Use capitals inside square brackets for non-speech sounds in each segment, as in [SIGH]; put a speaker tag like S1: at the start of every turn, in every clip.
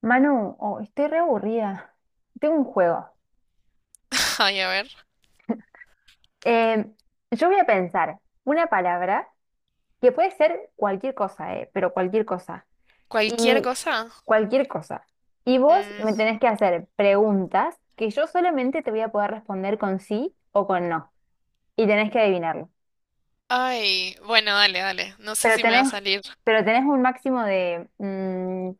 S1: Manu, oh, estoy re aburrida. Tengo un juego.
S2: [LAUGHS] Ay, a ver.
S1: Eh, yo voy a pensar una palabra que puede ser cualquier cosa, pero cualquier cosa.
S2: ¿Cualquier
S1: Y
S2: cosa?
S1: cualquier cosa. Y vos
S2: Mm,
S1: me tenés que hacer preguntas que yo solamente te voy a poder responder con sí o con no. Y tenés que adivinarlo.
S2: ay, bueno, dale, dale. No sé
S1: Pero
S2: si me va
S1: tenés,
S2: a salir.
S1: pero tenés un máximo de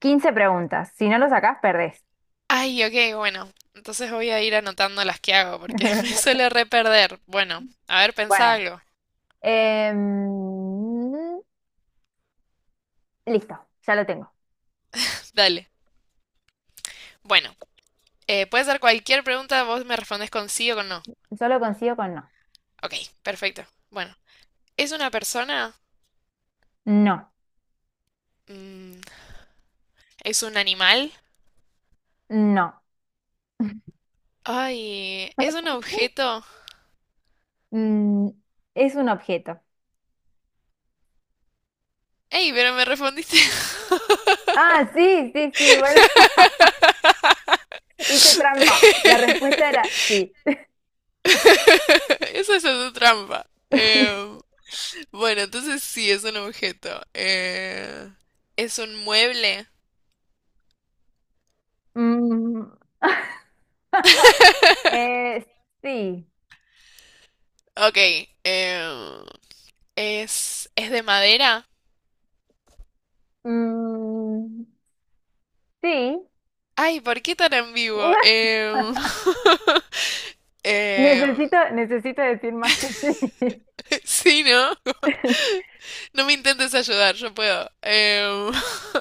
S1: 15 preguntas. Si no lo sacás, perdés.
S2: Ay, ok, bueno. Entonces voy a ir anotando las que hago porque [LAUGHS] me
S1: [LAUGHS]
S2: suelo re perder. Bueno, a ver, pensá
S1: Bueno,
S2: algo.
S1: em, listo, ya lo tengo.
S2: Dale. Bueno, puede ser cualquier pregunta, vos me respondes con sí o con no.
S1: Yo lo consigo con no.
S2: Ok, perfecto. Bueno, ¿es una persona?
S1: No,
S2: Mm, ¿es un animal?
S1: no.
S2: Ay, ¿es un objeto?
S1: Mm, es un objeto.
S2: Ey, pero me respondiste.
S1: Ah, sí, sí, sí, bueno, [LAUGHS] hice trampa. La respuesta era
S2: [LAUGHS]
S1: sí.
S2: Eso es su trampa.
S1: [LAUGHS]
S2: Bueno, entonces sí, es un objeto. Es un mueble.
S1: Mm, eh, sí.
S2: Ok, em, es de madera.
S1: Mm, sí.
S2: Ay, ¿por qué tan ambiguo?
S1: [LAUGHS]
S2: [LAUGHS] Em,
S1: Necesito decir más que sí.
S2: [LAUGHS] sí, ¿no? [LAUGHS]
S1: [LAUGHS]
S2: No me intentes ayudar, yo puedo. Em,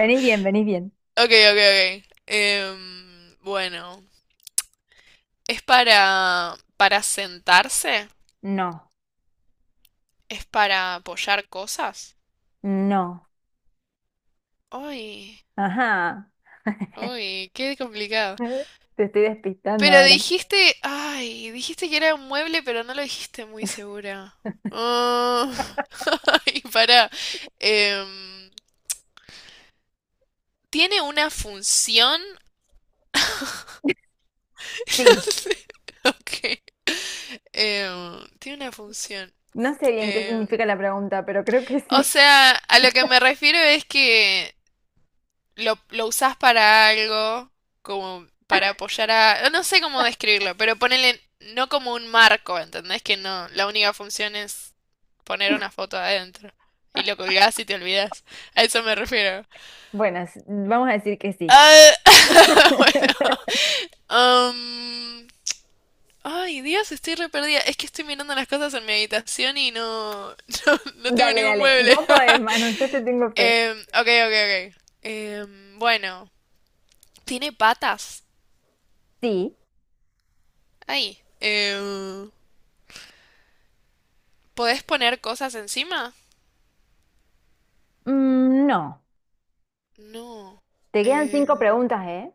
S1: Venís
S2: [LAUGHS]
S1: bien, venís bien.
S2: ok, ok, ok. Em, bueno, ¿es para sentarse?
S1: No,
S2: ¿Es para apoyar cosas?
S1: no.
S2: Uy,
S1: Ajá.
S2: uy, qué complicado.
S1: [LAUGHS] Te estoy despistando
S2: Pero
S1: ahora.
S2: dijiste, ay, dijiste que era un mueble, pero no lo dijiste muy segura. Ah, [LAUGHS] ay, pará. Em, ¿Tiene una función?
S1: Sí.
S2: [LAUGHS] No. Ok. Em, tiene una función.
S1: No sé bien qué
S2: Em,
S1: significa la pregunta, pero creo que
S2: o
S1: sí.
S2: sea, a lo que me refiero es que lo usás para algo, como para apoyar a... No, no sé cómo describirlo, pero ponele no como un marco, ¿entendés? Que no, la única función es poner una foto adentro. Y lo colgás y te olvidás. A eso me refiero.
S1: Bueno, vamos a decir que sí.
S2: Ah, [LAUGHS] bueno. Ay, Dios, estoy re perdida. Es que estoy mirando las cosas en mi habitación y no, [LAUGHS] no, no tengo
S1: Dale,
S2: ningún
S1: dale,
S2: mueble.
S1: va a
S2: [LAUGHS]
S1: poder, mano, yo te tengo fe.
S2: Em, ok, ok, ok. Em, bueno, ¿tiene patas?
S1: Sí.
S2: Ahí. ¿Podés poner cosas encima?
S1: Mm, no.
S2: No.
S1: Te quedan
S2: Eh,
S1: cinco preguntas, ¿eh?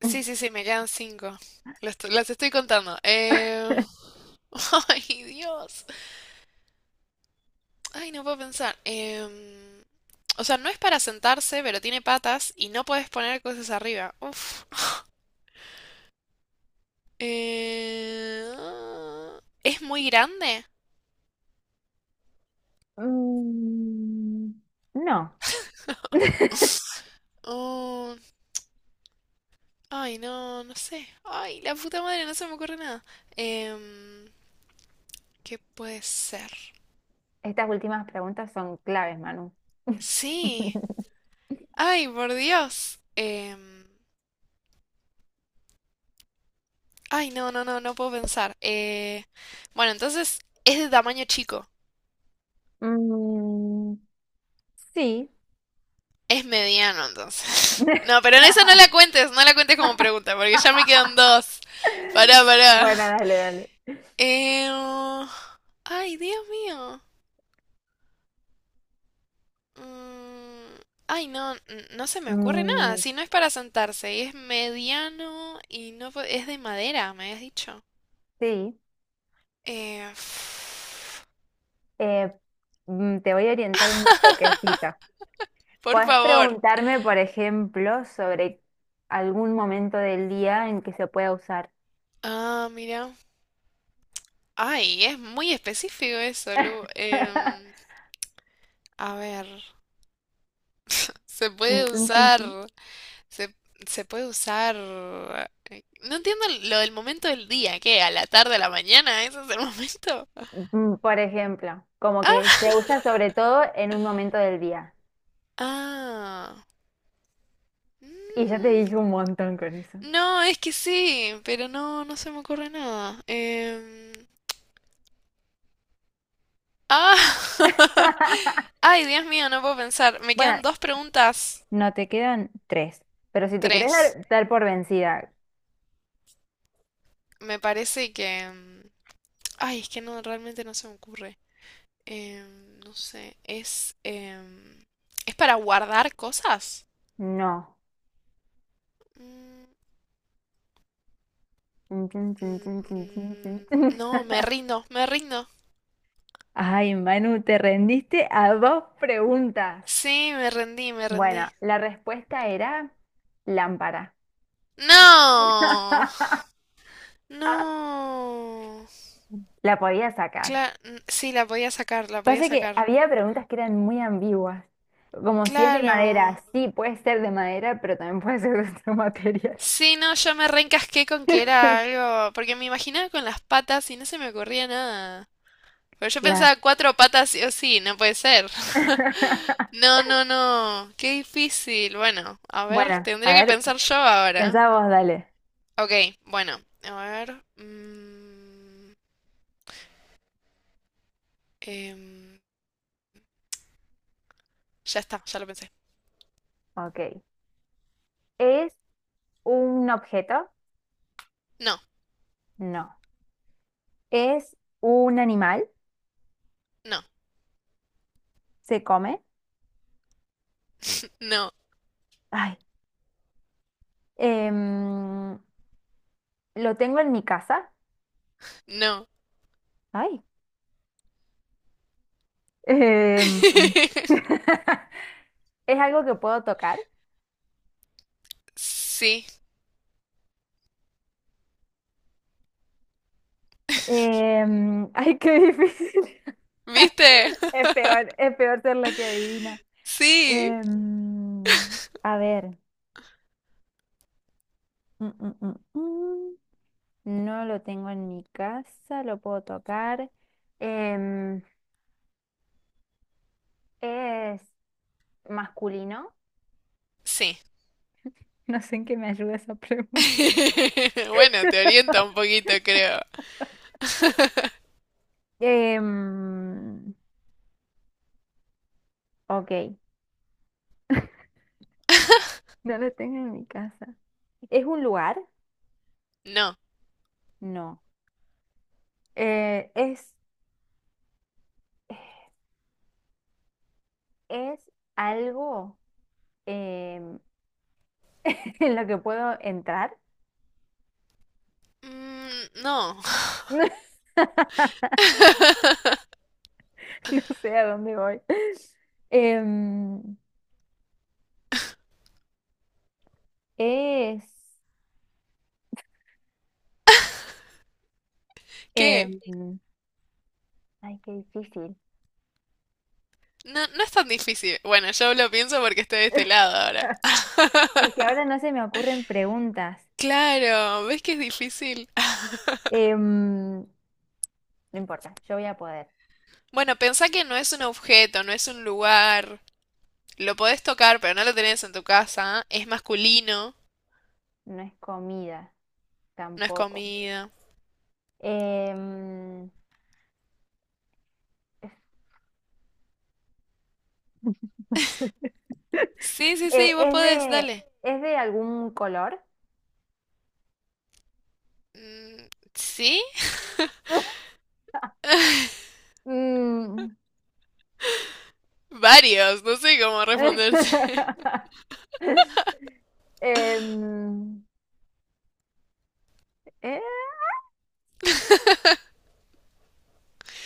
S2: sí, sí, sí, me quedan cinco. Las, las estoy contando. [LAUGHS] Ay, Dios. Ay, no puedo pensar. O sea, no es para sentarse, pero tiene patas y no puedes poner cosas arriba. Uf. Ah, ¿es muy grande?
S1: Mm, no.
S2: Oh, ay, no, no sé. Ay, la puta madre, no se me ocurre nada. Em, ¿Qué puede ser?
S1: Estas últimas preguntas son claves, Manu.
S2: Sí.
S1: [LAUGHS]
S2: Ay, por Dios. Em, ay, no, no, no, no puedo pensar. Bueno, entonces es de tamaño chico.
S1: Mm, sí.
S2: Es mediano, entonces. [LAUGHS] No, pero en eso no
S1: [LAUGHS]
S2: la cuentes, no la cuentes como pregunta, porque ya me quedan dos. Pará, pará.
S1: Bueno, dale, dale.
S2: Em, ay, Dios mío. Mm, ay, no, no se me ocurre nada.
S1: Mm,
S2: Si no es para sentarse y es mediano y no es de madera, me habías dicho.
S1: sí.
S2: Eh,
S1: Eh, te voy a orientar un toquecito.
S2: por
S1: Podés
S2: favor.
S1: preguntarme, por ejemplo, sobre algún momento del día en que se pueda usar.
S2: Ah, mira. Ay, es muy específico eso, Lu.
S1: [LAUGHS]
S2: A ver, se
S1: Tun,
S2: puede
S1: tun, tun,
S2: usar,
S1: tun.
S2: se, se puede usar. No entiendo lo del momento del día, ¿qué? ¿A la tarde, a la mañana? ¿Ese es el [LAUGHS] momento?
S1: Mm, por ejemplo, como
S2: Ah,
S1: que se usa sobre todo en un momento del día.
S2: ah,
S1: Y ya te
S2: mm,
S1: dije un montón con eso.
S2: no, es que sí, pero no, no se me ocurre nada. Ah, [LAUGHS]
S1: [LAUGHS]
S2: ay, Dios mío, no puedo pensar. Me
S1: Bueno,
S2: quedan dos preguntas,
S1: no te quedan tres, pero si te querés
S2: tres.
S1: dar, dar por vencida,
S2: Me parece que... ay, es que no, realmente no se me ocurre. Em, no sé, ¿es para guardar cosas?
S1: no.
S2: Mm,
S1: Tun, tun, tun, tun,
S2: mm,
S1: tun, tun, tun,
S2: mm,
S1: tun.
S2: no, me rindo, me rindo.
S1: [LAUGHS] Ay, Manu, te rendiste a dos preguntas.
S2: Sí, me rendí, me
S1: Bueno,
S2: rendí.
S1: la respuesta era lámpara.
S2: No,
S1: [LAUGHS]
S2: no.
S1: La podía sacar.
S2: Claro, sí, la podía sacar, la podía
S1: Pasa que
S2: sacar.
S1: había preguntas que eran muy ambiguas, como si es de madera,
S2: Claro.
S1: sí, puede ser de madera, pero también puede ser de otro material.
S2: Sí, no, yo me reencasqué con que era
S1: [LAUGHS]
S2: algo, porque me imaginaba con las patas y no se me ocurría nada. Pero yo
S1: Claro.
S2: pensaba cuatro patas sí o sí, no puede ser. [LAUGHS]
S1: [LAUGHS]
S2: No, no, no. Qué difícil. Bueno, a ver,
S1: Bueno,
S2: tendría
S1: a
S2: que
S1: ver,
S2: pensar yo ahora.
S1: pensá vos, dale.
S2: Ok, bueno, a ver. Em, ya está, ya lo pensé.
S1: Ok. ¿Es un objeto?
S2: No,
S1: No. ¿Es un animal?
S2: no,
S1: ¿Se come?
S2: no,
S1: Ay. em, ¿Lo tengo en mi casa?
S2: no.
S1: Ay. Em,
S2: [LAUGHS]
S1: [LAUGHS] es algo que puedo tocar.
S2: Sí.
S1: Em, [LAUGHS] ay, qué difícil. [LAUGHS]
S2: ¿Viste? [LAUGHS]
S1: Es peor ser la que adivina.
S2: Sí.
S1: Em, a ver. Mm, mm, mm, mm. No lo tengo en mi casa, lo puedo tocar. Em, es masculino. [LAUGHS]
S2: Sí.
S1: No sé en qué me ayuda esa pregunta.
S2: [LAUGHS] Bueno, te orienta un
S1: [LAUGHS]
S2: poquito, creo. [LAUGHS]
S1: Em, ok, [LAUGHS] no lo tengo en mi casa. ¿Es un lugar?
S2: No.
S1: No. Eh, es, es algo em, [LAUGHS] en lo que puedo entrar.
S2: Mm, no.
S1: [LAUGHS]
S2: [LAUGHS]
S1: No sé a dónde voy. Em, es...
S2: ¿Qué?
S1: em, ay, qué difícil.
S2: No, no es tan difícil. Bueno, yo lo pienso porque estoy de este lado ahora.
S1: [LAUGHS]
S2: [LAUGHS]
S1: Es que ahora no se me ocurren preguntas.
S2: Claro, ¿ves que es difícil? [LAUGHS]
S1: Em, no importa, yo voy a poder.
S2: Bueno, pensá que no es un objeto, no es un lugar. Lo podés tocar, pero no lo tenés en tu casa. Es masculino,
S1: No es comida
S2: no es
S1: tampoco.
S2: comida.
S1: Em, [LAUGHS] no sé.
S2: Sí, sí, sí,
S1: Eh,
S2: vos
S1: ¿es
S2: podés,
S1: de,
S2: dale.
S1: ¿es de algún color?
S2: Mm, ¿sí?
S1: [LAUGHS] Mm.
S2: [LAUGHS] Varios, no sé cómo responderte. [LAUGHS]
S1: [LAUGHS] Em, eh,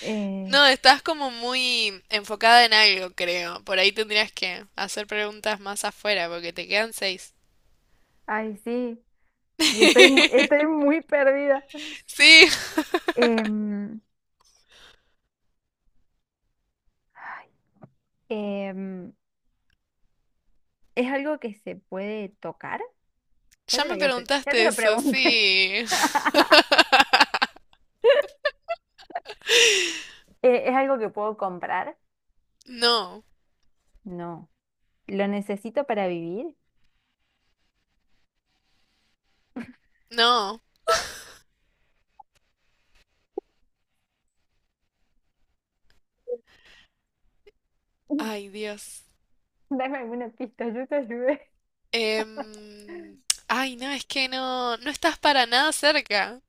S1: eh,
S2: No, estás como muy enfocada en algo, creo. Por ahí tendrías que hacer preguntas más afuera, porque te quedan seis.
S1: ay, sí, y estoy, estoy
S2: [LAUGHS]
S1: muy perdida.
S2: Sí,
S1: Em, ay, em, ¿Es algo que se puede tocar? Ya
S2: ya
S1: te lo
S2: me
S1: había ya te
S2: preguntaste
S1: lo
S2: eso,
S1: pregunté.
S2: sí. [LAUGHS]
S1: [LAUGHS] ¿Es algo que puedo comprar?
S2: No,
S1: No. ¿Lo necesito para vivir?
S2: no. Ay,
S1: [LAUGHS]
S2: Dios.
S1: Dame alguna pista, yo te ayudé.
S2: Em, ay, no, es que no, no estás para nada cerca.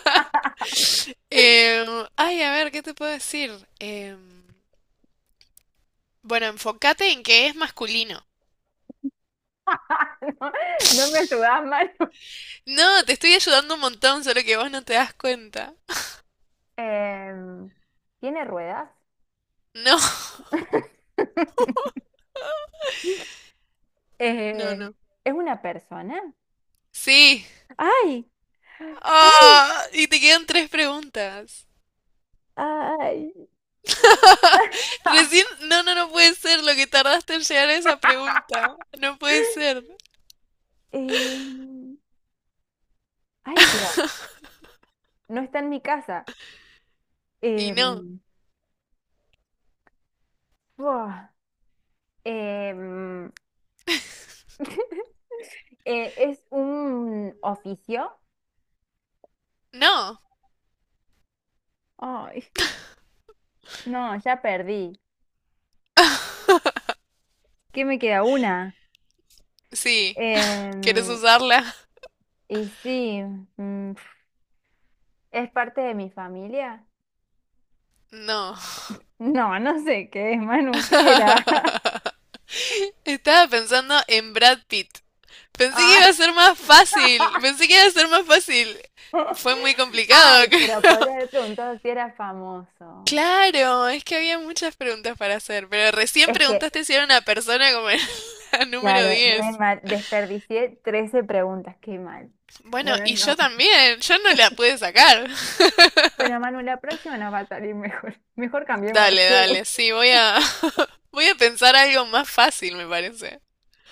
S1: [LAUGHS]
S2: Em, ay, a ver, ¿qué te puedo decir? Em, bueno, enfócate en que es masculino.
S1: No, no me ayudas, Manu.
S2: No, te estoy ayudando un montón, solo que vos no te das cuenta.
S1: Em, ¿Tiene ruedas?
S2: No,
S1: [LAUGHS]
S2: [LAUGHS] no,
S1: Eh,
S2: no.
S1: ¿es una persona?
S2: Sí.
S1: ¡Ay! ¡Ay!
S2: Ah, y te quedan tres preguntas.
S1: ¡Ay! [LAUGHS] Ah,
S2: Recién, no, no, no puede ser lo que tardaste en llegar a esa pregunta. No puede ser.
S1: Em, ay, pero no está en mi casa.
S2: Y no,
S1: Em, buah, em, [LAUGHS] ¿es un oficio?
S2: no.
S1: ¡Ay! No, ya perdí.
S2: [LAUGHS]
S1: ¿Qué me queda? Una.
S2: Sí, ¿quieres
S1: Em,
S2: usarla?
S1: y sí, mm, ¿es parte de mi familia?
S2: No.
S1: No, no sé qué es, Manu, ¿qué era? [LAUGHS]
S2: [LAUGHS] Estaba pensando en Brad Pitt. Pensé que
S1: Ah.
S2: iba a ser más fácil.
S1: [LAUGHS]
S2: Pensé que iba a ser más fácil. Fue muy complicado,
S1: Ay,
S2: [LAUGHS] creo.
S1: pero podría haber preguntado si era famoso.
S2: Claro, es que había muchas preguntas para hacer, pero recién
S1: Es que,
S2: preguntaste si era una persona como en [LAUGHS] la número
S1: claro, re
S2: 10.
S1: mal. Desperdicié 13 preguntas, qué mal.
S2: Bueno,
S1: Bueno,
S2: y yo
S1: no.
S2: también, yo no la pude sacar. [LAUGHS]
S1: Bueno, Manu, la próxima nos va a salir mejor. [LAUGHS] Mejor cambiemos de
S2: Dale,
S1: juego.
S2: dale, sí, voy a [LAUGHS] voy a pensar algo más fácil, me parece.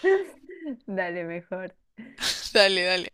S1: [LAUGHS] Dale, mejor.
S2: Dale, dale.